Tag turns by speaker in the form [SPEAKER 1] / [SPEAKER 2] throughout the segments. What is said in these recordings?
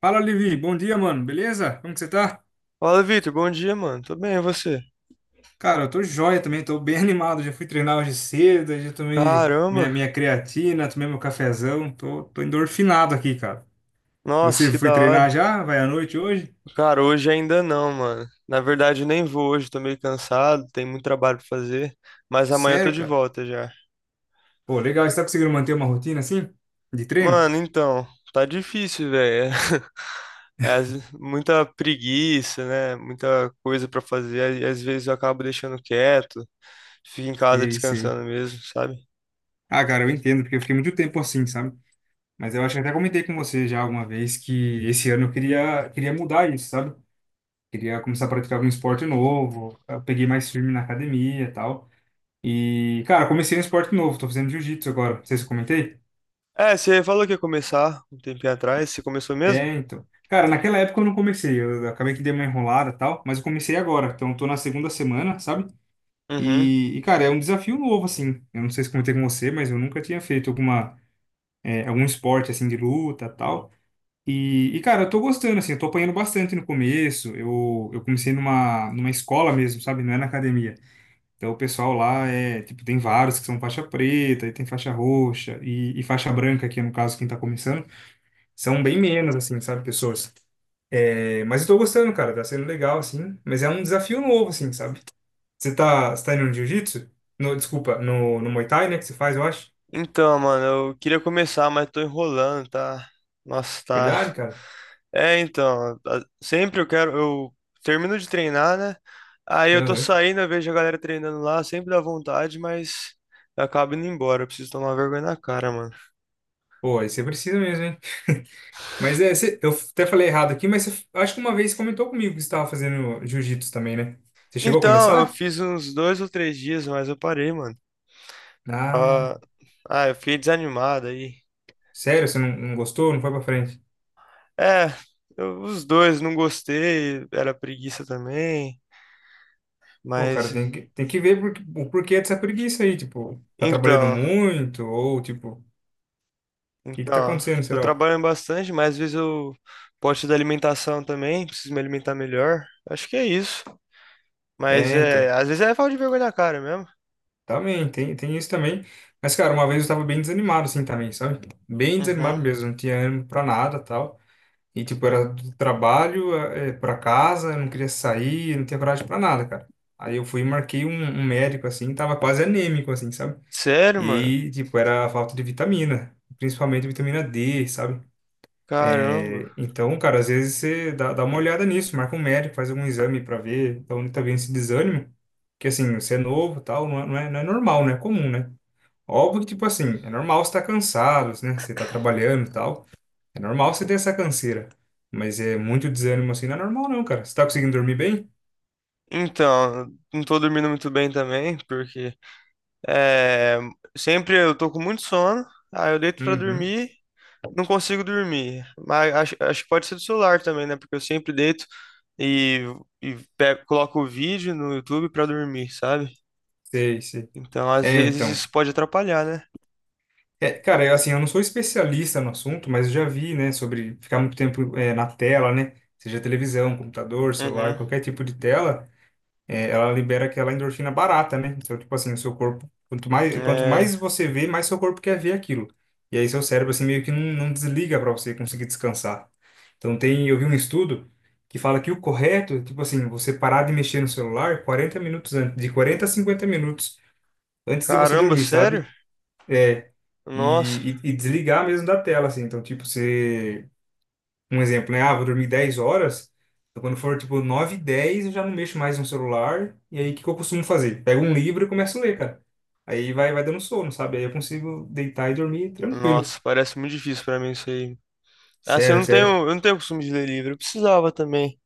[SPEAKER 1] Fala, Levi. Bom dia, mano. Beleza? Como que você tá?
[SPEAKER 2] Fala, Vitor. Bom dia, mano. Tô bem, e você?
[SPEAKER 1] Cara, eu tô joia também, tô bem animado. Já fui treinar hoje cedo, já tomei minha,
[SPEAKER 2] Caramba.
[SPEAKER 1] minha creatina, tomei meu cafezão. Tô endorfinado aqui, cara. E você
[SPEAKER 2] Nossa, que
[SPEAKER 1] foi
[SPEAKER 2] da
[SPEAKER 1] treinar
[SPEAKER 2] hora.
[SPEAKER 1] já? Vai à noite hoje?
[SPEAKER 2] Cara, hoje ainda não, mano. Na verdade, nem vou hoje. Tô meio cansado, tem muito trabalho pra fazer. Mas amanhã eu tô
[SPEAKER 1] Sério,
[SPEAKER 2] de
[SPEAKER 1] cara?
[SPEAKER 2] volta já.
[SPEAKER 1] Pô, legal. Você tá conseguindo manter uma rotina assim? De treino?
[SPEAKER 2] Mano, então, tá difícil, velho. É, muita preguiça, né? Muita coisa pra fazer. E às vezes eu acabo deixando quieto. Fico em casa
[SPEAKER 1] Sei, sei.
[SPEAKER 2] descansando mesmo, sabe?
[SPEAKER 1] Ah, cara, eu entendo, porque eu fiquei muito tempo assim, sabe? Mas eu acho que até comentei com você já alguma vez que esse ano eu queria mudar isso, sabe? Queria começar a praticar algum esporte novo. Eu peguei mais firme na academia e tal. E, cara, eu comecei um esporte novo, tô fazendo jiu-jitsu agora. Não sei se eu comentei.
[SPEAKER 2] É, você falou que ia começar um tempinho atrás. Você começou mesmo?
[SPEAKER 1] É, então. Cara, naquela época eu não comecei, eu acabei que dei uma enrolada e tal, mas eu comecei agora, então eu tô na segunda semana, sabe?
[SPEAKER 2] Uhum.
[SPEAKER 1] E, cara, é um desafio novo, assim. Eu não sei se comentei com você, mas eu nunca tinha feito algum esporte, assim, de luta e tal. E, cara, eu tô gostando, assim, eu tô apanhando bastante no começo. Eu comecei numa escola mesmo, sabe? Não é na academia. Então, o pessoal lá é, tipo, tem vários que são faixa preta, e tem faixa roxa, e faixa branca, que é, no caso, quem tá começando, são bem menos, assim, sabe, pessoas. É, mas eu tô gostando, cara, tá sendo legal, assim, mas é um desafio novo, assim, sabe? Você tá indo no jiu-jitsu? No, desculpa, no Muay Thai, né, que você faz, eu acho.
[SPEAKER 2] Então, mano, eu queria começar, mas tô enrolando, tá? Nossa, tá.
[SPEAKER 1] Verdade, cara.
[SPEAKER 2] É, então, sempre eu quero, eu termino de treinar, né? Aí eu tô
[SPEAKER 1] Aham.
[SPEAKER 2] saindo, eu vejo a galera treinando lá, sempre dá vontade, mas eu acabo indo embora, eu preciso tomar vergonha na cara, mano.
[SPEAKER 1] Pô, aí você precisa mesmo, hein? Mas é, eu até falei errado aqui, mas você, acho que uma vez comentou comigo que você estava fazendo jiu-jitsu também, né? Você chegou a
[SPEAKER 2] Então, eu
[SPEAKER 1] começar?
[SPEAKER 2] fiz uns dois ou três dias, mas eu parei, mano.
[SPEAKER 1] Ah,
[SPEAKER 2] Ah, ah, eu fiquei desanimado aí.
[SPEAKER 1] sério, você não gostou? Não foi pra frente?
[SPEAKER 2] É, eu- os dois, não gostei, era preguiça também,
[SPEAKER 1] Pô, cara,
[SPEAKER 2] mas
[SPEAKER 1] tem que ver o porquê dessa preguiça aí, tipo, tá trabalhando
[SPEAKER 2] então.
[SPEAKER 1] muito, ou tipo, o que que tá
[SPEAKER 2] Então,
[SPEAKER 1] acontecendo,
[SPEAKER 2] tô
[SPEAKER 1] será?
[SPEAKER 2] trabalhando bastante, mas às vezes eu posto da alimentação também, preciso me alimentar melhor. Acho que é isso. Mas
[SPEAKER 1] É, então,
[SPEAKER 2] é, às vezes é falta de vergonha na cara mesmo.
[SPEAKER 1] também, tem isso também. Mas, cara, uma vez eu tava bem desanimado, assim, também, sabe? Bem desanimado
[SPEAKER 2] Uhum.
[SPEAKER 1] mesmo, não tinha ânimo pra nada, tal. E, tipo, era do trabalho, pra casa, eu não queria sair, eu não tinha coragem pra nada, cara. Aí eu fui e marquei um médico, assim, tava quase anêmico, assim, sabe?
[SPEAKER 2] Sério,
[SPEAKER 1] E
[SPEAKER 2] mano?
[SPEAKER 1] aí, tipo, era a falta de vitamina, principalmente vitamina D, sabe?
[SPEAKER 2] Caramba.
[SPEAKER 1] Então, cara, às vezes você dá uma olhada nisso, marca um médico, faz algum exame pra ver da onde tá vindo esse desânimo. Que assim, você é novo e tal, não é normal, não é comum, né? Óbvio que, tipo assim, é normal você estar cansado, né? Você tá trabalhando e tal. É normal você ter essa canseira. Mas é muito desânimo assim, não é normal não, cara. Você tá conseguindo dormir bem?
[SPEAKER 2] Então, não tô dormindo muito bem também, porque é, sempre eu tô com muito sono, aí eu deito pra
[SPEAKER 1] Uhum.
[SPEAKER 2] dormir, não consigo dormir. Mas acho que pode ser do celular também, né? Porque eu sempre deito e, e coloco o vídeo no YouTube pra dormir, sabe?
[SPEAKER 1] Sei, sei.
[SPEAKER 2] Então, às
[SPEAKER 1] É,
[SPEAKER 2] vezes
[SPEAKER 1] então.
[SPEAKER 2] isso pode atrapalhar, né?
[SPEAKER 1] É, cara, eu, assim, eu não sou especialista no assunto, mas eu já vi, né, sobre ficar muito tempo, na tela, né? Seja televisão, computador, celular,
[SPEAKER 2] Uhum.
[SPEAKER 1] qualquer tipo de tela. Ela libera aquela endorfina barata, né? Então, tipo assim, o seu corpo, quanto mais, quanto
[SPEAKER 2] É,
[SPEAKER 1] mais você vê, mais seu corpo quer ver aquilo. E aí seu cérebro, assim, meio que não desliga para você conseguir descansar. Então, eu vi um estudo que fala que o correto, é, tipo assim, você parar de mexer no celular 40 minutos antes, de 40 a 50 minutos antes de você
[SPEAKER 2] caramba,
[SPEAKER 1] dormir,
[SPEAKER 2] sério?
[SPEAKER 1] sabe? É,
[SPEAKER 2] Nossa,
[SPEAKER 1] e desligar mesmo da tela, assim. Então, tipo, você um exemplo, né? Ah, vou dormir 10 horas. Então, quando for tipo nove e 10, eu já não mexo mais no celular. E aí, o que que eu costumo fazer? Pego um livro e começo a ler, cara. Aí vai dando sono, sabe? Aí eu consigo deitar e dormir tranquilo.
[SPEAKER 2] nossa, parece muito difícil pra mim isso aí. Assim,
[SPEAKER 1] Sério, sério.
[SPEAKER 2] eu não tenho costume de ler livro, eu precisava também.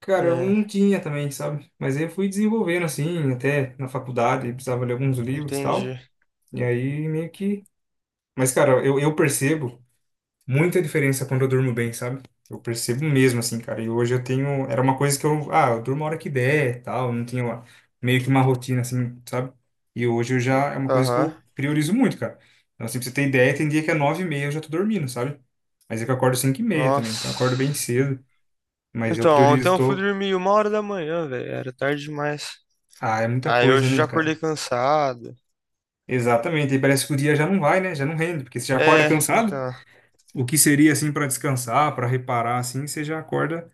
[SPEAKER 1] Cara, eu não
[SPEAKER 2] É,
[SPEAKER 1] tinha também, sabe? Mas aí eu fui desenvolvendo assim, até na faculdade, precisava ler alguns livros e
[SPEAKER 2] entendi.
[SPEAKER 1] tal. E aí meio que. Mas, cara, eu percebo muita diferença quando eu durmo bem, sabe? Eu percebo mesmo, assim, cara. E hoje eu tenho. Era uma coisa que eu. Ah, eu durmo a hora que der, tal. Não tinha meio que uma rotina, assim, sabe? E hoje eu já. É uma coisa que
[SPEAKER 2] Aham.
[SPEAKER 1] eu priorizo muito, cara. Então, assim, pra você ter ideia, tem dia que é 9h30 eu já tô dormindo, sabe? Mas é que eu acordo 5h30 também. Então eu acordo bem
[SPEAKER 2] Nossa.
[SPEAKER 1] cedo. Mas eu
[SPEAKER 2] Então, ontem
[SPEAKER 1] priorizo.
[SPEAKER 2] eu fui dormir 1 hora da manhã, velho, era tarde demais.
[SPEAKER 1] Ah, é muita
[SPEAKER 2] Aí
[SPEAKER 1] coisa,
[SPEAKER 2] hoje eu já
[SPEAKER 1] né,
[SPEAKER 2] acordei
[SPEAKER 1] cara?
[SPEAKER 2] cansado.
[SPEAKER 1] Exatamente. E parece que o dia já não vai, né? Já não rende. Porque você já acorda
[SPEAKER 2] É,
[SPEAKER 1] cansado.
[SPEAKER 2] então.
[SPEAKER 1] O que seria, assim, pra descansar, pra reparar, assim, você já acorda.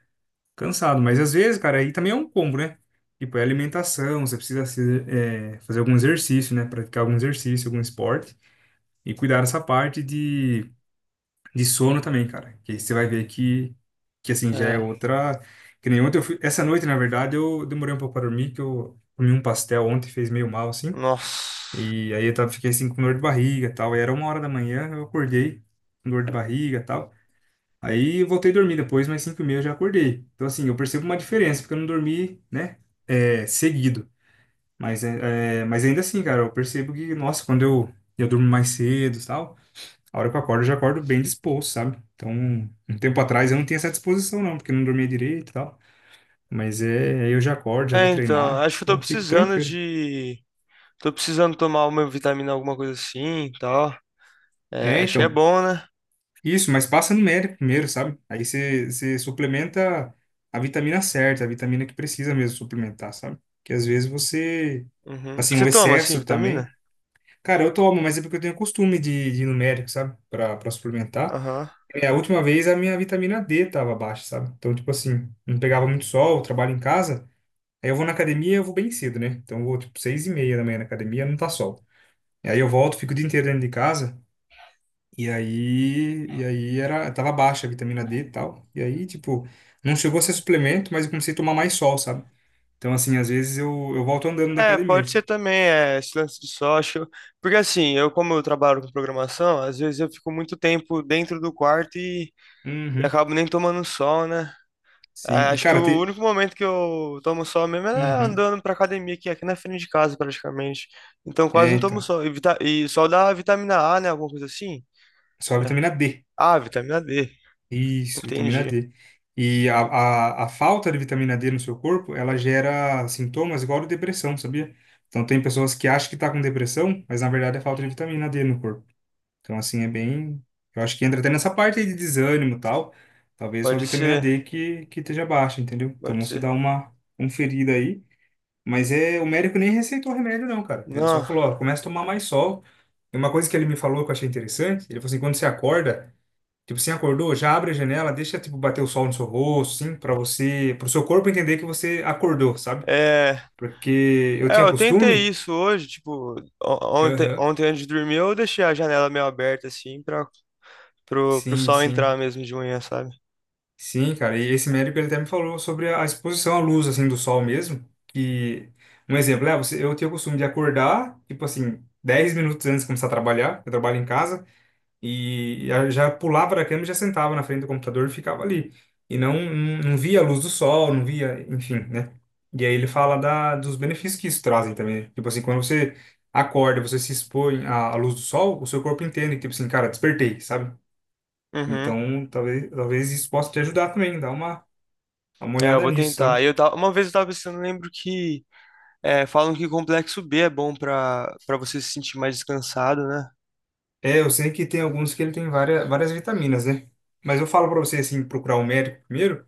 [SPEAKER 1] Cansado, mas às vezes, cara, aí também é um combo, né? Tipo, é alimentação, você precisa fazer algum exercício, né? Praticar algum exercício, algum esporte. E cuidar dessa parte de sono também, cara. Que aí você vai ver que assim, já é
[SPEAKER 2] É.
[SPEAKER 1] outra. Que nem ontem eu fui. Essa noite, na verdade, eu demorei um pouco para dormir, que eu comi um pastel ontem, fez meio mal, assim.
[SPEAKER 2] Nossa.
[SPEAKER 1] E aí fiquei assim com dor de barriga e tal. E era 1h da manhã, eu acordei com dor de barriga e tal. Aí eu voltei a dormir depois, mas 5h30 eu já acordei. Então, assim, eu percebo uma diferença, porque eu não dormi, né, seguido. Mas ainda assim, cara, eu percebo que, nossa, quando eu durmo mais cedo e tal, a hora que eu acordo, eu já acordo bem disposto, sabe? Então, um tempo atrás eu não tinha essa disposição, não, porque eu não dormia direito e tal. Mas é, aí eu já acordo, já vou
[SPEAKER 2] É, então,
[SPEAKER 1] treinar,
[SPEAKER 2] acho que eu tô
[SPEAKER 1] então fico
[SPEAKER 2] precisando
[SPEAKER 1] tranquilo.
[SPEAKER 2] de. Tô precisando tomar uma vitamina, alguma coisa assim, e tal. É,
[SPEAKER 1] É,
[SPEAKER 2] acho que é
[SPEAKER 1] então,
[SPEAKER 2] bom, né?
[SPEAKER 1] isso, mas passa numérico primeiro, sabe? Aí você suplementa a vitamina certa, a vitamina que precisa mesmo suplementar, sabe? Que às vezes você,
[SPEAKER 2] Uhum.
[SPEAKER 1] assim,
[SPEAKER 2] Você
[SPEAKER 1] o
[SPEAKER 2] toma, assim,
[SPEAKER 1] excesso também.
[SPEAKER 2] vitamina?
[SPEAKER 1] Cara, eu tomo, mas é porque eu tenho costume de numérico, sabe? Pra suplementar.
[SPEAKER 2] Aham.
[SPEAKER 1] É a última vez a minha vitamina D tava baixa, sabe? Então, tipo assim, não pegava muito sol, eu trabalho em casa. Aí eu vou na academia, eu vou bem cedo, né? Então eu vou, tipo, 6h30 da manhã na academia, não tá sol. Aí eu volto, fico o dia inteiro dentro de casa. E aí era, tava baixa a vitamina D e tal. E aí, tipo, não chegou a ser suplemento, mas eu comecei a tomar mais sol, sabe? Então, assim, às vezes eu volto andando da
[SPEAKER 2] É, pode
[SPEAKER 1] academia.
[SPEAKER 2] ser também, é, esse lance de sol, porque assim, eu trabalho com programação, às vezes eu fico muito tempo dentro do quarto e
[SPEAKER 1] Uhum.
[SPEAKER 2] acabo nem tomando sol, né?
[SPEAKER 1] Sim.
[SPEAKER 2] É,
[SPEAKER 1] E,
[SPEAKER 2] acho que
[SPEAKER 1] cara,
[SPEAKER 2] o único momento que eu tomo sol mesmo é
[SPEAKER 1] Uhum.
[SPEAKER 2] andando pra academia, que é aqui na frente de casa, praticamente. Então quase
[SPEAKER 1] É,
[SPEAKER 2] não tomo
[SPEAKER 1] então.
[SPEAKER 2] sol. E, vita... e sol dá vitamina A, né? Alguma coisa assim?
[SPEAKER 1] Só a
[SPEAKER 2] Né?
[SPEAKER 1] vitamina D.
[SPEAKER 2] Ah, vitamina D.
[SPEAKER 1] Isso, vitamina
[SPEAKER 2] Entendi.
[SPEAKER 1] D. E a falta de vitamina D no seu corpo, ela gera sintomas igual a de depressão, sabia? Então, tem pessoas que acham que tá com depressão, mas na verdade é falta de vitamina D no corpo. Então, assim, é bem. Eu acho que entra até nessa parte aí de desânimo e tal. Talvez sua
[SPEAKER 2] Pode
[SPEAKER 1] vitamina
[SPEAKER 2] ser.
[SPEAKER 1] D que esteja baixa, entendeu? Então,
[SPEAKER 2] Pode
[SPEAKER 1] você
[SPEAKER 2] ser.
[SPEAKER 1] dá uma conferida aí. Mas é, o médico nem receitou remédio, não, cara. Ele só
[SPEAKER 2] Não,
[SPEAKER 1] falou, ó, começa a tomar mais sol. E uma coisa que ele me falou que eu achei interessante, ele falou assim, quando você acorda, tipo, você acordou, já abre a janela, deixa, tipo, bater o sol no seu rosto, assim, pra você, pro seu corpo entender que você acordou, sabe?
[SPEAKER 2] é.
[SPEAKER 1] Porque eu
[SPEAKER 2] É,
[SPEAKER 1] tinha
[SPEAKER 2] eu tentei
[SPEAKER 1] costume.
[SPEAKER 2] isso hoje, tipo, ontem,
[SPEAKER 1] Aham.
[SPEAKER 2] ontem antes de dormir eu deixei a janela meio aberta, assim, pro
[SPEAKER 1] Sim,
[SPEAKER 2] sol
[SPEAKER 1] sim.
[SPEAKER 2] entrar mesmo de manhã, sabe?
[SPEAKER 1] Sim, cara, e esse médico ele até me falou sobre a exposição à luz, assim, do sol mesmo, que, um exemplo, eu tenho o costume de acordar, tipo assim, 10 minutos antes de começar a trabalhar, eu trabalho em casa, e já já pulava da cama e já sentava na frente do computador e ficava ali, e não via a luz do sol, não via, enfim, né? E aí ele fala dos benefícios que isso trazem também, né. Tipo assim, quando você acorda, você se expõe à luz do sol, o seu corpo entende, que, tipo assim, cara, despertei, sabe?
[SPEAKER 2] Uhum.
[SPEAKER 1] Então, talvez isso possa te ajudar também, dar uma Dá uma
[SPEAKER 2] É, eu
[SPEAKER 1] olhada
[SPEAKER 2] vou
[SPEAKER 1] nisso,
[SPEAKER 2] tentar.
[SPEAKER 1] sabe?
[SPEAKER 2] Uma vez eu tava pensando, eu lembro que é, falam que complexo B é bom pra você se sentir mais descansado, né?
[SPEAKER 1] É, eu sei que tem alguns que ele tem várias, várias vitaminas, né? Mas eu falo pra você, assim, procurar um médico primeiro,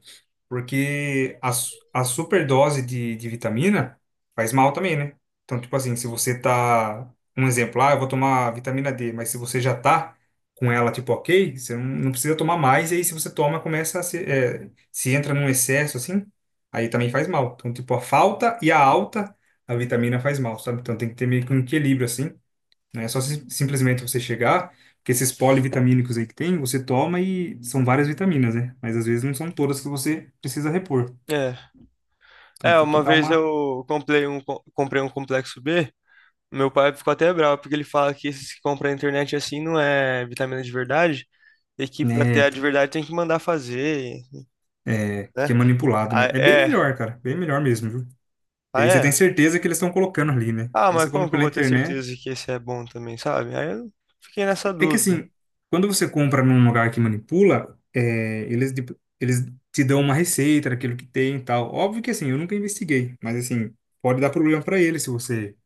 [SPEAKER 1] porque a superdose de vitamina faz mal também, né? Então, tipo assim, se você tá... Um exemplo, ah, eu vou tomar vitamina D, mas se você já tá com ela, tipo, ok, você não precisa tomar mais, e aí se você toma, começa a se entra num excesso, assim, aí também faz mal. Então, tipo, a falta e a alta, a vitamina faz mal, sabe? Então tem que ter meio que um equilíbrio, assim. Não é só simplesmente você chegar, porque esses polivitamínicos aí que tem, você toma e são várias vitaminas, né? Mas às vezes não são todas que você precisa repor.
[SPEAKER 2] É.
[SPEAKER 1] Então
[SPEAKER 2] É,
[SPEAKER 1] tem que
[SPEAKER 2] uma
[SPEAKER 1] dar
[SPEAKER 2] vez
[SPEAKER 1] uma,
[SPEAKER 2] eu comprei um, comprei um complexo B, meu pai ficou até bravo, porque ele fala que esses que compram na internet assim não é vitamina de verdade. E que pra
[SPEAKER 1] né,
[SPEAKER 2] ter a de
[SPEAKER 1] então,
[SPEAKER 2] verdade tem que mandar fazer,
[SPEAKER 1] que é
[SPEAKER 2] né?
[SPEAKER 1] manipulado,
[SPEAKER 2] Ah,
[SPEAKER 1] né? É bem
[SPEAKER 2] é.
[SPEAKER 1] melhor, cara, bem melhor mesmo, viu? Porque
[SPEAKER 2] Ah,
[SPEAKER 1] aí você tem
[SPEAKER 2] é?
[SPEAKER 1] certeza que eles estão colocando ali, né?
[SPEAKER 2] Ah,
[SPEAKER 1] Quando
[SPEAKER 2] mas
[SPEAKER 1] você
[SPEAKER 2] como
[SPEAKER 1] compra
[SPEAKER 2] que eu
[SPEAKER 1] pela
[SPEAKER 2] vou ter
[SPEAKER 1] internet,
[SPEAKER 2] certeza que esse é bom também, sabe? Aí eu fiquei nessa
[SPEAKER 1] é que
[SPEAKER 2] dúvida.
[SPEAKER 1] assim, quando você compra num lugar que manipula, é, eles te dão uma receita daquilo que tem e tal. Óbvio que assim, eu nunca investiguei, mas assim, pode dar problema para eles se você.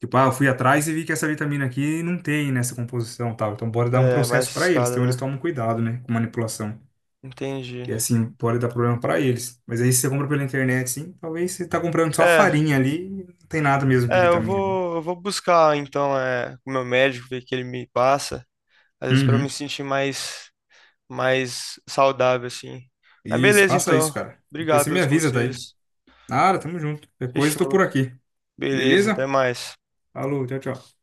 [SPEAKER 1] Tipo, ah, eu fui atrás e vi que essa vitamina aqui não tem nessa composição, e tal. Então bora dar um
[SPEAKER 2] É, mais
[SPEAKER 1] processo para eles.
[SPEAKER 2] escada,
[SPEAKER 1] Então eles
[SPEAKER 2] né?
[SPEAKER 1] tomam cuidado, né, com manipulação.
[SPEAKER 2] Entendi.
[SPEAKER 1] Que assim pode dar problema para eles. Mas aí se você compra pela internet, sim, talvez você tá comprando só
[SPEAKER 2] É,
[SPEAKER 1] farinha ali, e não tem nada mesmo de vitamina, né?
[SPEAKER 2] eu vou buscar então é, com o meu médico, ver o que ele me passa. Às vezes pra eu me
[SPEAKER 1] Uhum.
[SPEAKER 2] sentir mais, mais saudável, assim. Mas
[SPEAKER 1] Isso,
[SPEAKER 2] beleza,
[SPEAKER 1] faça isso,
[SPEAKER 2] então.
[SPEAKER 1] cara. Depois
[SPEAKER 2] Obrigado
[SPEAKER 1] você me
[SPEAKER 2] pelos
[SPEAKER 1] avisa daí.
[SPEAKER 2] conselhos.
[SPEAKER 1] Nada, tamo junto. Qualquer coisa, tô
[SPEAKER 2] Fechou.
[SPEAKER 1] por aqui.
[SPEAKER 2] Beleza, até
[SPEAKER 1] Beleza?
[SPEAKER 2] mais.
[SPEAKER 1] Falou, tchau, tchau.